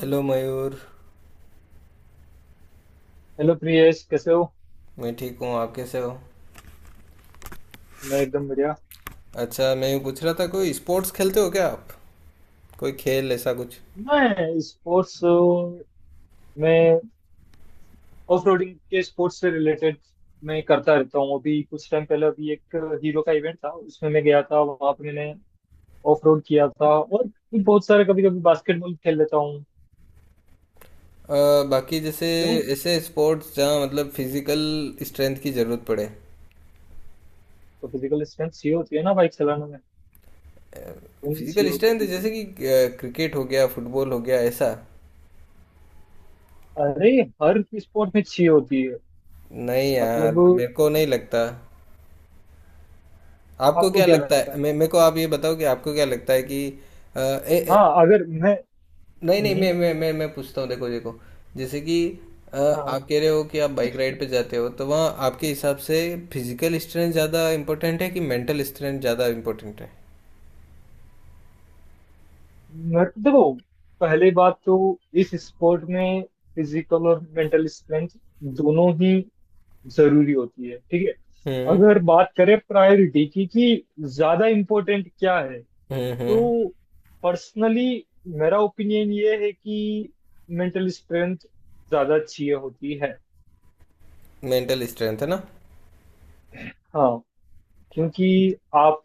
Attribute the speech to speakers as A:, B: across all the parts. A: Hello Mayur.
B: Hello Priyesh कैसे हो।
A: मैं ठीक हूँ, आप कैसे हो?
B: मैं एकदम बढ़िया।
A: अच्छा, मैं यूँ पूछ रहा था, कोई स्पोर्ट्स खेलते हो क्या आप? कोई खेल ऐसा कुछ?
B: मैं स्पोर्ट्स में ऑफ रोडिंग के स्पोर्ट्स से रिलेटेड मैं करता रहता हूँ। अभी कुछ टाइम पहले अभी एक हीरो का इवेंट था, उसमें मैं गया था। वहाँ पे मैंने ऑफ रोड किया था और भी बहुत सारे, कभी कभी बास्केटबॉल खेल लेता हूँ।
A: अ, बाकी जैसे
B: क्यों?
A: ऐसे स्पोर्ट्स जहाँ मतलब फिजिकल स्ट्रेंथ की ज़रूरत पड़े।
B: तो फिजिकल स्ट्रेंथ चाहिए होती है ना बाइक चलाने में, तुम चाहिए
A: फिजिकल स्ट्रेंथ,
B: होती है।
A: जैसे कि क्रिकेट हो गया, फुटबॉल हो गया, ऐसा।
B: अरे, हर स्पोर्ट में चाहिए होती है।
A: नहीं यार,
B: मतलब
A: मेरे को नहीं लगता। आपको
B: आपको
A: क्या
B: क्या
A: लगता
B: लगता
A: है?
B: है?
A: मे मेरे को आप ये बताओ कि आपको क्या लगता है कि।
B: हाँ, अगर मैं,
A: नहीं नहीं,
B: हम्म,
A: मैं पूछता हूँ, देखो देखो। जैसे कि अ,
B: हाँ
A: आप कह रहे हो कि आप बाइक राइड पे जाते हो, तो वहाँ आपके हिसाब से फिजिकल स्ट्रेंथ ज़्यादा इम्पोर्टेंट है कि मेंटल स्ट्रेंथ ज़्यादा इम्पोर्टेंट है?
B: मेरे को देखो, पहली बात तो इस स्पोर्ट में फिजिकल और मेंटल स्ट्रेंथ दोनों ही जरूरी होती है, ठीक है।
A: हम्म।
B: अगर बात करें प्रायोरिटी की कि ज्यादा इम्पोर्टेंट क्या है,
A: हम्म। हम्म।
B: तो पर्सनली मेरा ओपिनियन ये है कि मेंटल स्ट्रेंथ ज्यादा चाहिए होती है।
A: मेंटल स्ट्रेंथ है ना।
B: हाँ, क्योंकि आप,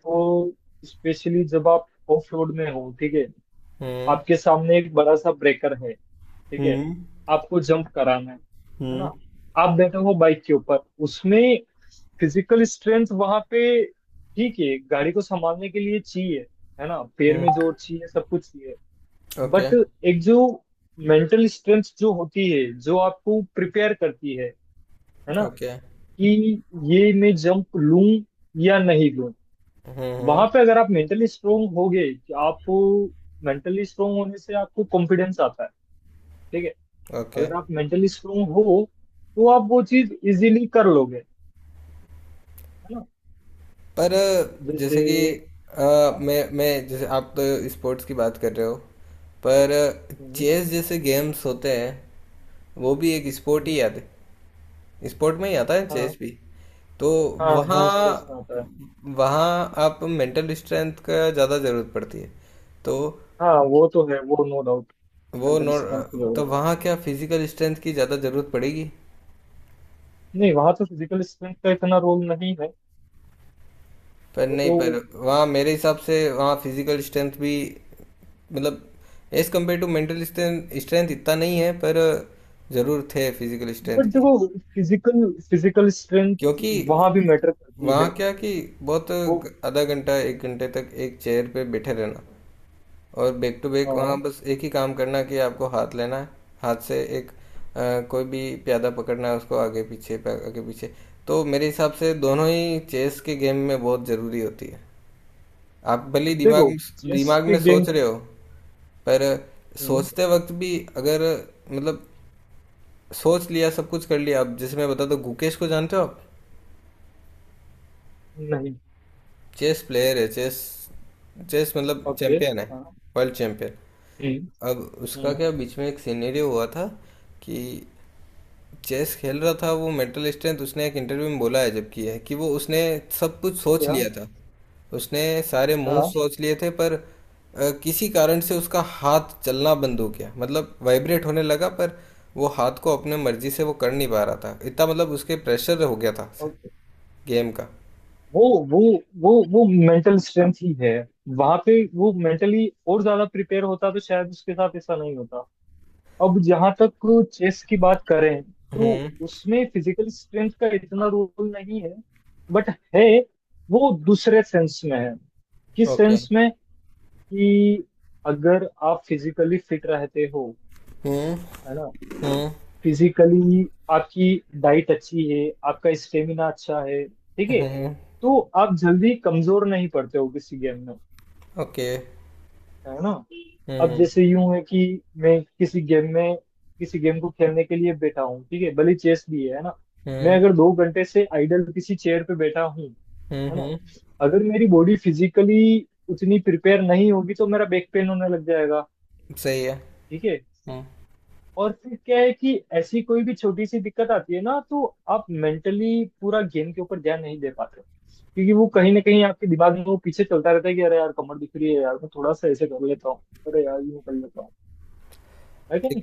B: स्पेशली जब आप ऑफ रोड में हो, ठीक है,
A: हम्म।
B: आपके सामने एक बड़ा सा ब्रेकर है, ठीक है,
A: हम्म।
B: आपको जंप कराना है
A: हम्म।
B: ना, आप बैठे हो बाइक के ऊपर। उसमें फिजिकल स्ट्रेंथ वहां पे, ठीक है, गाड़ी को संभालने के लिए चाहिए, है ना, पैर
A: हम्म।
B: में जोर चाहिए, सब कुछ चाहिए।
A: ओके।
B: बट एक जो मेंटल स्ट्रेंथ जो होती है जो आपको प्रिपेयर करती है ना,
A: ओके।
B: कि ये मैं जंप लूं या नहीं लूं।
A: हम्म। हम्म।
B: वहां पे अगर आप मेंटली स्ट्रोंग होगे कि आप, मेंटली स्ट्रोंग होने से आपको कॉन्फिडेंस आता है, ठीक है।
A: ओके।
B: अगर आप मेंटली स्ट्रोंग हो तो आप वो चीज इजीली कर लोगे, है ना,
A: पर
B: जैसे।
A: जैसे कि अ,
B: हाँ।
A: मैं जैसे, आप तो स्पोर्ट्स की बात कर रहे हो, पर
B: हम्म,
A: चेस जैसे गेम्स होते हैं, वो भी एक स्पोर्ट
B: हम्म,
A: ही आते, स्पोर्ट में ही आता है
B: हाँ,
A: चेस भी, तो
B: हाँ, हाँ
A: वहाँ
B: स्पोर्ट्स में आता है।
A: वहाँ आप मेंटल स्ट्रेंथ का ज़्यादा ज़रूरत पड़ती है। तो
B: हाँ वो तो है, वो नो डाउट,
A: वो
B: मेंटल
A: नो।
B: स्ट्रेंथ की
A: तो
B: जरूरत है।
A: वहाँ क्या फिजिकल स्ट्रेंथ की ज़्यादा ज़रूरत पड़ेगी?
B: नहीं, वहां तो फिजिकल स्ट्रेंथ का इतना रोल नहीं है।
A: पर
B: वो
A: नहीं,
B: तो,
A: पर वहाँ मेरे हिसाब से वहाँ फिजिकल स्ट्रेंथ भी, मतलब as compare to mental strength strength इतना नहीं है, पर ज़रूर थे फिजिकल स्ट्रेंथ
B: बट
A: की।
B: देखो, फिजिकल फिजिकल स्ट्रेंथ
A: क्योंकि
B: वहां भी मैटर करती
A: वहाँ
B: है।
A: क्या कि, बहुत,
B: वो।
A: आधा घंटा एक घंटे तक एक चेयर पे बैठे रहना, और बैक टू बैक वहाँ
B: हाँ।
A: बस एक ही काम करना कि आपको हाथ लेना है, हाथ से एक कोई भी प्यादा पकड़ना है उसको, आगे पीछे, आगे पीछे। तो मेरे हिसाब से दोनों ही चेस के गेम में बहुत ज़रूरी होती है। आप भले ही
B: देखो,
A: दिमाग
B: चेस
A: दिमाग
B: के
A: में
B: गेम।
A: सोच रहे हो, पर सोचते वक्त भी, अगर मतलब सोच लिया सब कुछ, कर लिया अब। जैसे मैं बताता हूँ, गुकेश को जानते हो आप?
B: नहीं।
A: चेस प्लेयर है। चेस चेस मतलब
B: ओके।
A: चैंपियन है,
B: हाँ।
A: World champion.
B: हम्म
A: अब उसका
B: हम्म।
A: क्या बीच में एक सिनेरियो हुआ था कि चेस खेल रहा था वो, मेंटल स्ट्रेंथ उसने एक इंटरव्यू में बोला है, जबकि है कि वो उसने सब कुछ सोच
B: क्या?
A: लिया था। उसने सारे मूव
B: हाँ।
A: सोच लिए थे, पर किसी कारण से उसका हाथ चलना बंद हो गया, मतलब वाइब्रेट होने लगा, पर वो हाथ को अपने मर्जी से वो कर नहीं पा रहा था, इतना मतलब उसके प्रेशर हो गया था
B: okay,
A: गेम का।
B: वो वो वो वो मेंटल स्ट्रेंथ ही है वहां पे। वो मेंटली और ज्यादा प्रिपेयर होता तो शायद उसके साथ ऐसा नहीं होता। अब जहां तक चेस की बात करें, तो
A: हम्म।
B: उसमें फिजिकल स्ट्रेंथ का इतना रोल नहीं है, बट है, वो दूसरे सेंस में है। किस
A: ओके।
B: सेंस में? कि अगर आप फिजिकली फिट रहते हो,
A: हम्म।
B: है ना,
A: हम्म।
B: फिजिकली आपकी डाइट अच्छी है, आपका स्टेमिना अच्छा है, ठीक है,
A: हम्म।
B: तो आप जल्दी कमजोर नहीं पड़ते हो किसी गेम में,
A: ओके।
B: है ना। अब
A: हम्म।
B: जैसे यूं है कि मैं किसी गेम में, किसी गेम को खेलने के लिए बैठा हूँ, ठीक है, भले चेस भी है ना, मैं
A: हम्म।
B: अगर दो घंटे से आइडल किसी चेयर पे बैठा हूँ, है
A: हम्म।
B: ना,
A: हम्म।
B: अगर मेरी बॉडी फिजिकली उतनी प्रिपेयर नहीं होगी तो मेरा बैक पेन होने लग जाएगा,
A: सही है।
B: ठीक है।
A: हम्म।
B: और फिर क्या है कि ऐसी कोई भी छोटी सी दिक्कत आती है ना तो आप मेंटली पूरा गेम के ऊपर ध्यान नहीं दे पाते हो। क्योंकि वो कहीं ना कहीं आपके दिमाग में वो पीछे चलता रहता है कि अरे यार कमर दिख रही है, यार मैं थोड़ा सा ऐसे कर लेता हूँ, अरे यार यूं कर लेता हूँ। है कि नहीं?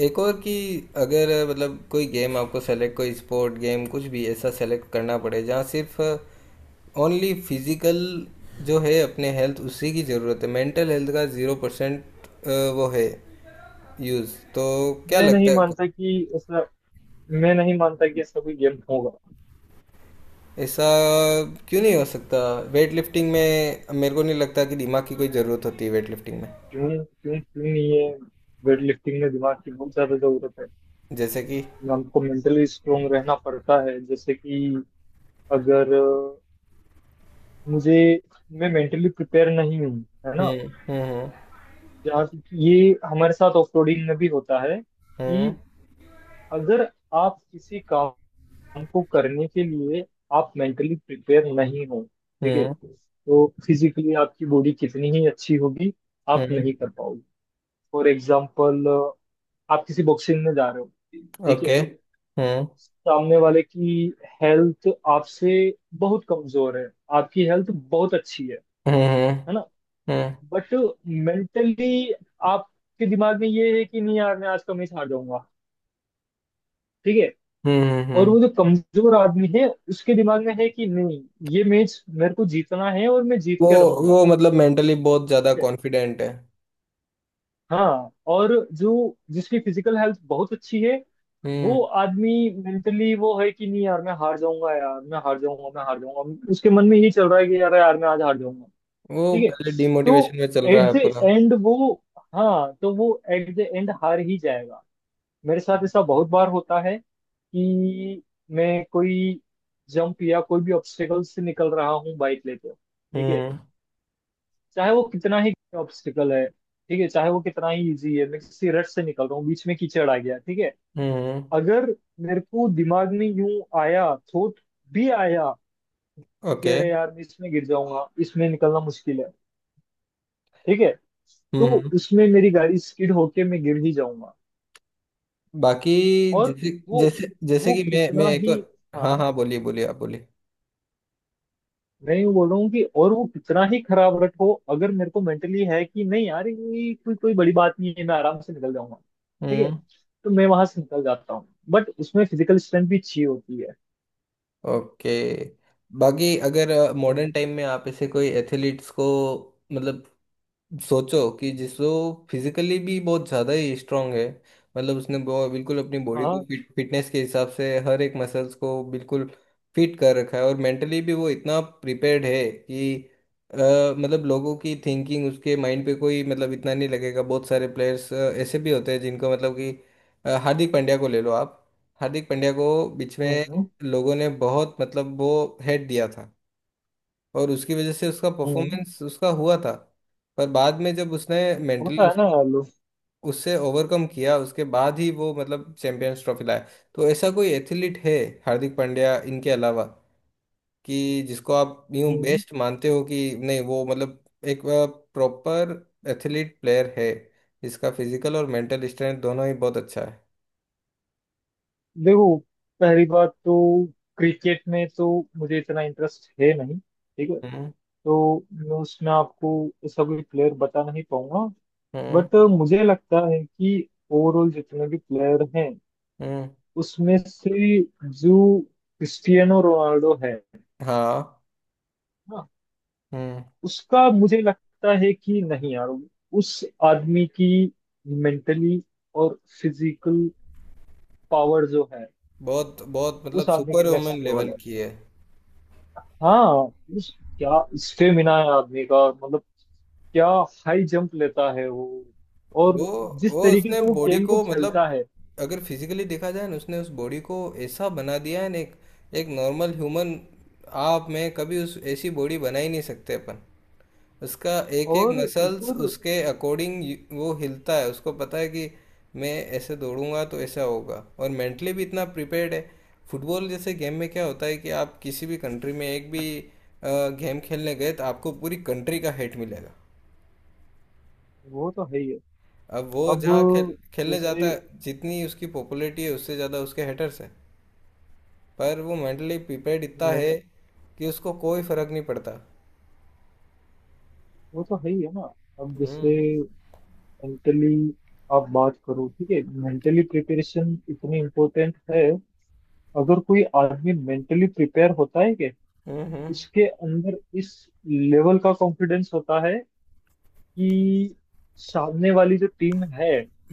A: एक और कि, अगर मतलब कोई गेम, आपको सेलेक्ट, कोई स्पोर्ट गेम कुछ भी ऐसा सेलेक्ट करना पड़े जहाँ सिर्फ ओनली फिजिकल जो है अपने हेल्थ उसी की ज़रूरत है, मेंटल हेल्थ का 0% वो है यूज़, तो क्या
B: मैं नहीं
A: लगता है?
B: मानता कि ऐसा, मैं नहीं मानता कि ऐसा कोई गेम होगा।
A: ऐसा क्यों नहीं हो सकता? वेट लिफ्टिंग में मेरे को नहीं लगता कि दिमाग की कोई ज़रूरत होती है, वेट लिफ्टिंग में।
B: क्यों क्यों क्यों नहीं है? वेट लिफ्टिंग में दिमाग की बहुत ज्यादा जरूरत है।
A: जैसे कि।
B: हमको मेंटली स्ट्रोंग रहना पड़ता है। जैसे कि अगर मुझे, मैं मेंटली प्रिपेयर नहीं हूँ, है ना
A: हम्म। हम्म।
B: यार। ये हमारे साथ ऑफरोडिंग में भी होता है
A: हम्म।
B: कि अगर आप किसी काम को करने के लिए आप मेंटली प्रिपेयर नहीं हो, ठीक है,
A: हम्म।
B: तो फिजिकली आपकी बॉडी कितनी ही अच्छी होगी, आप
A: हम्म।
B: नहीं कर पाओगे। फॉर एग्जाम्पल, आप किसी बॉक्सिंग में जा रहे हो, ठीक है,
A: ओके। हम्म। okay।
B: सामने वाले की हेल्थ आपसे बहुत कमजोर है, आपकी हेल्थ बहुत अच्छी है
A: हम्म। हम्म।
B: है ना,
A: हम्म। हम्म।
B: बट मेंटली आपके दिमाग में ये है कि नहीं यार मैं आज का मैच हार जाऊंगा, ठीक है।
A: हम्म।
B: और
A: हम्म।
B: वो जो कमजोर आदमी है उसके दिमाग में है कि नहीं, ये मैच मेरे को जीतना है और मैं जीत
A: वो
B: के रहूंगा,
A: वो मतलब मेंटली बहुत ज्यादा
B: ठीक है।
A: कॉन्फिडेंट है।
B: हाँ, और जो जिसकी फिजिकल हेल्थ बहुत अच्छी है,
A: हम्म।
B: वो आदमी मेंटली वो है कि नहीं यार मैं हार जाऊंगा, यार मैं हार जाऊंगा, मैं हार जाऊंगा, उसके मन में यही चल रहा है कि यार यार मैं आज हार जाऊंगा,
A: वो
B: ठीक है।
A: पहले डिमोटिवेशन
B: तो
A: में चल रहा
B: एट
A: है
B: द
A: पूरा।
B: एंड वो, हाँ तो वो एट द एंड हार ही जाएगा। मेरे साथ ऐसा बहुत बार होता है कि मैं कोई जंप या कोई भी ऑब्स्टिकल से निकल रहा हूँ बाइक लेते हुए, ठीक है,
A: हम्म।
B: चाहे वो कितना ही ऑब्स्टिकल है, ठीक है, चाहे वो कितना ही इजी है, मैं किसी रट से निकल रहा हूँ, बीच में कीचड़ आ गया, ठीक है,
A: हम्म।
B: अगर मेरे को दिमाग में यूं आया, थोट भी आया कि
A: ओके।
B: अरे यार मैं इसमें गिर जाऊंगा, इसमें निकलना मुश्किल है, ठीक है, तो
A: हम्म।
B: उसमें मेरी गाड़ी स्किड होके मैं गिर ही जाऊंगा।
A: बाकी
B: और
A: जैसे
B: वो
A: जैसे जैसे
B: वो
A: कि मैं
B: कितना
A: एक
B: ही,
A: और,
B: हाँ,
A: हाँ हाँ, बोलिए बोलिए, आप बोलिए।
B: नहीं, मैं यूं बोल रहा हूँ कि और वो कितना ही खराब रट हो, अगर मेरे को मेंटली है कि नहीं यार ये कोई कोई बड़ी बात नहीं है, मैं आराम से निकल जाऊंगा, ठीक है,
A: हम्म।
B: तो मैं वहां से निकल जाता हूँ, बट उसमें फिजिकल स्ट्रेंथ भी चाहिए होती है।
A: ओके। बाकी अगर मॉडर्न
B: हम्म,
A: टाइम में आप ऐसे कोई एथलीट्स को, मतलब सोचो कि, जिसको फिजिकली भी बहुत ज़्यादा ही स्ट्रांग है, मतलब उसने बिल्कुल अपनी बॉडी
B: हाँ,
A: को फिटनेस के हिसाब से हर एक मसल्स को बिल्कुल फिट कर रखा है, और मेंटली भी वो इतना प्रिपेयर्ड है कि अ, मतलब लोगों की थिंकिंग उसके माइंड पे कोई मतलब इतना नहीं लगेगा। बहुत सारे प्लेयर्स ऐसे भी होते हैं जिनको मतलब कि हार्दिक पांड्या को ले लो आप। हार्दिक पांड्या को बीच में
B: हम्म
A: लोगों ने बहुत मतलब वो हेट दिया था, और उसकी वजह से उसका
B: हम्म।
A: परफॉर्मेंस उसका हुआ था। पर बाद में जब उसने
B: होता
A: मेंटली
B: है ना यार लोग।
A: उससे ओवरकम किया, उसके बाद ही वो मतलब चैंपियंस ट्रॉफी लाया। तो ऐसा कोई एथलीट है हार्दिक पांड्या इनके अलावा, कि जिसको आप यूं
B: हम्म।
A: बेस्ट मानते हो कि नहीं वो मतलब एक प्रॉपर एथलीट प्लेयर है, जिसका फिजिकल और मेंटल स्ट्रेंथ दोनों ही बहुत अच्छा है।
B: देखो, पहली बात तो क्रिकेट में तो मुझे इतना इंटरेस्ट है नहीं, ठीक है,
A: हम्म।
B: तो मैं उसमें आपको ऐसा कोई प्लेयर बता नहीं पाऊंगा,
A: हम्म।
B: बट मुझे लगता है कि ओवरऑल जितने भी प्लेयर हैं
A: हम्म।
B: उसमें से जो क्रिस्टियानो रोनाल्डो है
A: हाँ।
B: ना,
A: हम्म।
B: उसका मुझे लगता है कि नहीं यार, उस आदमी की मेंटली और फिजिकल पावर जो है,
A: बहुत बहुत
B: उस
A: मतलब
B: आदमी की
A: super women
B: next level
A: level
B: है।
A: की है।
B: हाँ। उस क्या स्टेमिना है आदमी का, मतलब क्या हाई जंप लेता है वो,
A: वो
B: और जिस
A: वो
B: तरीके
A: उसने
B: से वो
A: बॉडी
B: गेम को
A: को, मतलब
B: खेलता है।
A: अगर फिजिकली देखा जाए ना, उसने उस बॉडी को ऐसा बना दिया है ना। एक एक नॉर्मल ह्यूमन आप में कभी उस ऐसी बॉडी बना ही नहीं सकते अपन। उसका एक एक
B: और एक
A: मसल्स
B: और,
A: उसके अकॉर्डिंग वो हिलता है, उसको पता है कि मैं ऐसे दौड़ूंगा तो ऐसा होगा, और मेंटली भी इतना प्रिपेयर्ड है। फुटबॉल जैसे गेम में क्या होता है कि आप किसी भी कंट्री में एक भी गेम खेलने गए, तो आपको पूरी कंट्री का हेट मिलेगा।
B: वो तो है ही है।
A: अब वो
B: अब
A: जहाँ खेलने जाता
B: जैसे,
A: है, जितनी उसकी पॉपुलैरिटी है उससे ज़्यादा उसके हेटर्स हैं, पर वो मेंटली प्रिपेयर्ड इतना है
B: मैं-,
A: कि उसको कोई फर्क नहीं पड़ता।
B: वो तो है ही है ना। अब जैसे
A: हम्म।
B: मेंटली आप बात करो, ठीक है, मेंटली प्रिपरेशन इतनी इम्पोर्टेंट है। अगर कोई आदमी मेंटली प्रिपेयर होता है कि उसके अंदर इस लेवल का कॉन्फिडेंस होता है कि सामने वाली जो टीम है,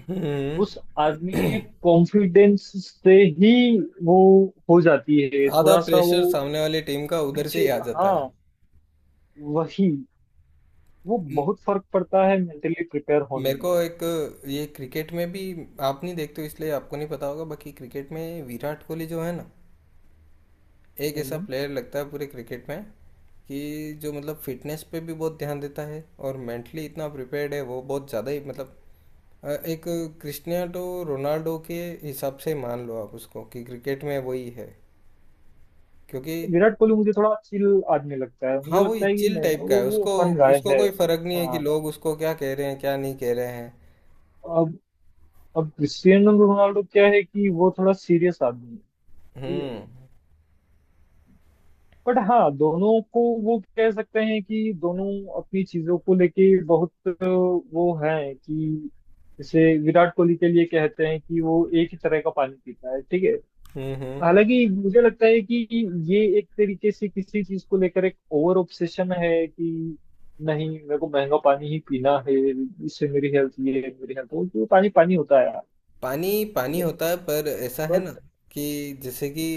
A: हम्म।
B: उस आदमी के कॉन्फिडेंस से ही वो हो जाती है
A: आधा
B: थोड़ा सा वो
A: प्रेशर सामने वाली टीम का उधर से
B: पीछे।
A: ही आ
B: हाँ,
A: जाता है।
B: वही, वो बहुत फर्क पड़ता है मेंटली प्रिपेयर होने
A: मेरे
B: में।
A: को एक, ये क्रिकेट में भी आप नहीं देखते हो इसलिए आपको नहीं पता होगा, बाकी क्रिकेट में विराट कोहली जो है ना, एक ऐसा
B: हम्म।
A: प्लेयर लगता है पूरे क्रिकेट में, कि जो मतलब फिटनेस पे भी बहुत ध्यान देता है और मेंटली इतना प्रिपेयर्ड है, वो बहुत ज़्यादा ही मतलब एक क्रिस्टियानो रोनाल्डो के हिसाब से मान लो आप उसको, कि क्रिकेट में वही है। क्योंकि
B: विराट कोहली मुझे थोड़ा चिल आदमी लगता है, मुझे
A: हाँ, वही
B: लगता है कि
A: चिल
B: नहीं
A: टाइप का
B: वो
A: है।
B: वो
A: उसको
B: फन गाय
A: उसको
B: है।
A: कोई फर्क नहीं है कि
B: हाँ।
A: लोग उसको क्या कह रहे हैं, क्या नहीं कह रहे हैं।
B: अब अब क्रिस्टियानो रोनाल्डो क्या है कि वो थोड़ा सीरियस आदमी है,
A: हम्म।
B: बट हाँ दोनों को वो कह सकते हैं कि दोनों अपनी चीजों को लेके बहुत वो है कि, जैसे विराट कोहली के लिए कहते हैं कि वो एक ही तरह का पानी पीता है, ठीक है।
A: हम्म। हम्म।
B: हालांकि मुझे लगता है कि ये एक तरीके से किसी चीज को लेकर एक ओवर ऑब्सेशन है कि नहीं मेरे को महंगा पानी ही पीना है, इससे मेरी हेल्थ ये है, मेरी हेल्थ वो, तो पानी पानी होता है यार,
A: पानी
B: ठीक
A: पानी
B: है,
A: होता है, पर ऐसा है ना
B: बट
A: कि जैसे कि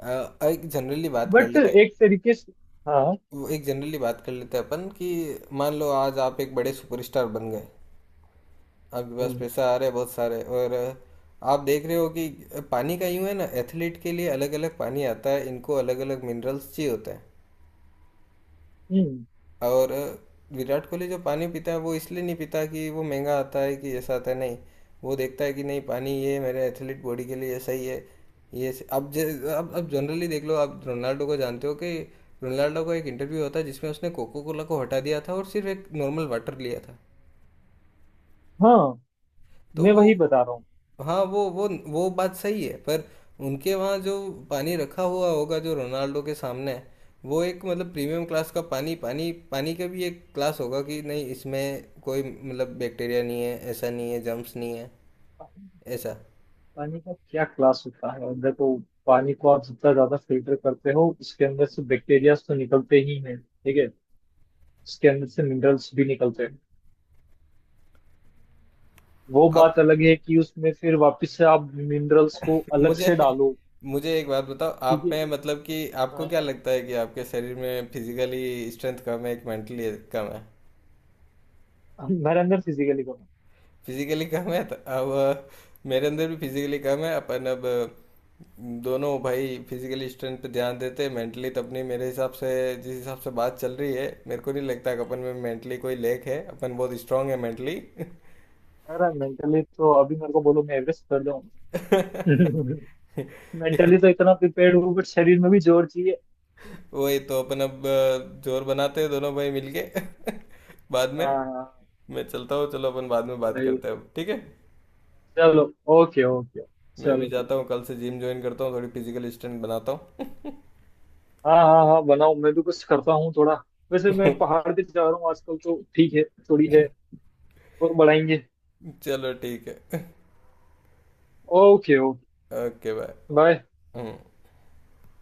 A: अ, एक जनरली बात कर
B: बट
A: लेते हैं
B: एक तरीके से, हाँ।
A: एक जनरली बात कर लेते हैं अपन, कि मान लो आज आप एक बड़े सुपरस्टार बन गए, आपके पास
B: हम्म
A: पैसा आ रहा है बहुत सारे, और आप देख रहे हो कि पानी का यूं है ना, एथलीट के लिए अलग अलग पानी आता है, इनको अलग अलग मिनरल्स चाहिए होता है।
B: हम्म,
A: और विराट कोहली जो पानी पीता है वो इसलिए नहीं पीता कि वो महंगा आता है, कि ऐसा आता है, नहीं। वो देखता है कि नहीं, पानी ये मेरे एथलीट बॉडी के लिए सही है। ये स- अब जे अब जनरली देख लो, आप रोनाल्डो को जानते हो कि रोनाल्डो का एक इंटरव्यू होता है जिसमें उसने कोको कोला को हटा दिया था और सिर्फ एक नॉर्मल वाटर लिया था।
B: हाँ,
A: तो
B: मैं
A: वो,
B: वही बता रहा हूँ।
A: हाँ, वो बात सही है, पर उनके वहाँ जो पानी रखा हुआ होगा जो रोनाल्डो के सामने है, वो एक मतलब प्रीमियम क्लास का पानी। पानी का भी एक क्लास होगा कि नहीं, इसमें कोई मतलब बैक्टीरिया नहीं है, ऐसा नहीं है जर्म्स नहीं है, ऐसा।
B: पानी का क्या क्लास होता है? और देखो, पानी को आप जितना ज्यादा फिल्टर करते हो उसके अंदर से बैक्टीरियाज तो निकलते ही हैं, ठीक है, उसके अंदर से मिनरल्स भी निकलते हैं। वो
A: आप
B: बात अलग है कि उसमें फिर वापस से आप मिनरल्स को अलग
A: मुझे
B: से डालो।
A: मुझे एक बात बताओ,
B: ठीक
A: आप
B: है।
A: में मतलब कि आपको
B: अ,
A: क्या लगता है कि आपके शरीर में फिजिकली स्ट्रेंथ कम है कि मेंटली कम है?
B: मेरा अंदर फिजिकली कम है।
A: फिजिकली कम है तो अब, मेरे अंदर भी फिजिकली कम है अपन। अब दोनों भाई फिजिकली स्ट्रेंथ पे ध्यान देते हैं, मेंटली तो अपनी मेरे हिसाब से जिस हिसाब से बात चल रही है, मेरे को नहीं लगता कि अपन में मेंटली कोई लेक है, अपन बहुत स्ट्रांग है मेंटली।
B: मेरा मेंटली तो अभी मेरे को बोलो मैं एवरेस्ट कर जाऊं। मेंटली तो इतना प्रिपेयर्ड हूँ, बट शरीर में भी जोर चाहिए।
A: वही तो अपन अब, जोर बनाते हैं दोनों भाई मिलके। बाद में,
B: हाँ हाँ, हाँ,
A: मैं चलता हूँ, चलो अपन बाद में बात
B: वही,
A: करते हैं अब, ठीक है?
B: चलो, ओके ओके,
A: मैं भी
B: चलो ठीक।
A: जाता हूँ, कल से जिम ज्वाइन करता हूँ, थोड़ी फिजिकल स्ट्रेंथ बनाता हूँ।
B: हाँ हाँ हाँ, बनाओ, मैं भी कुछ करता हूँ थोड़ा। वैसे मैं पहाड़ पे जा रहा हूँ आजकल, तो ठीक है, थोड़ी है, और बढ़ाएंगे।
A: चलो ठीक है।
B: Okay okay,
A: okay bye.
B: Bye.
A: うん।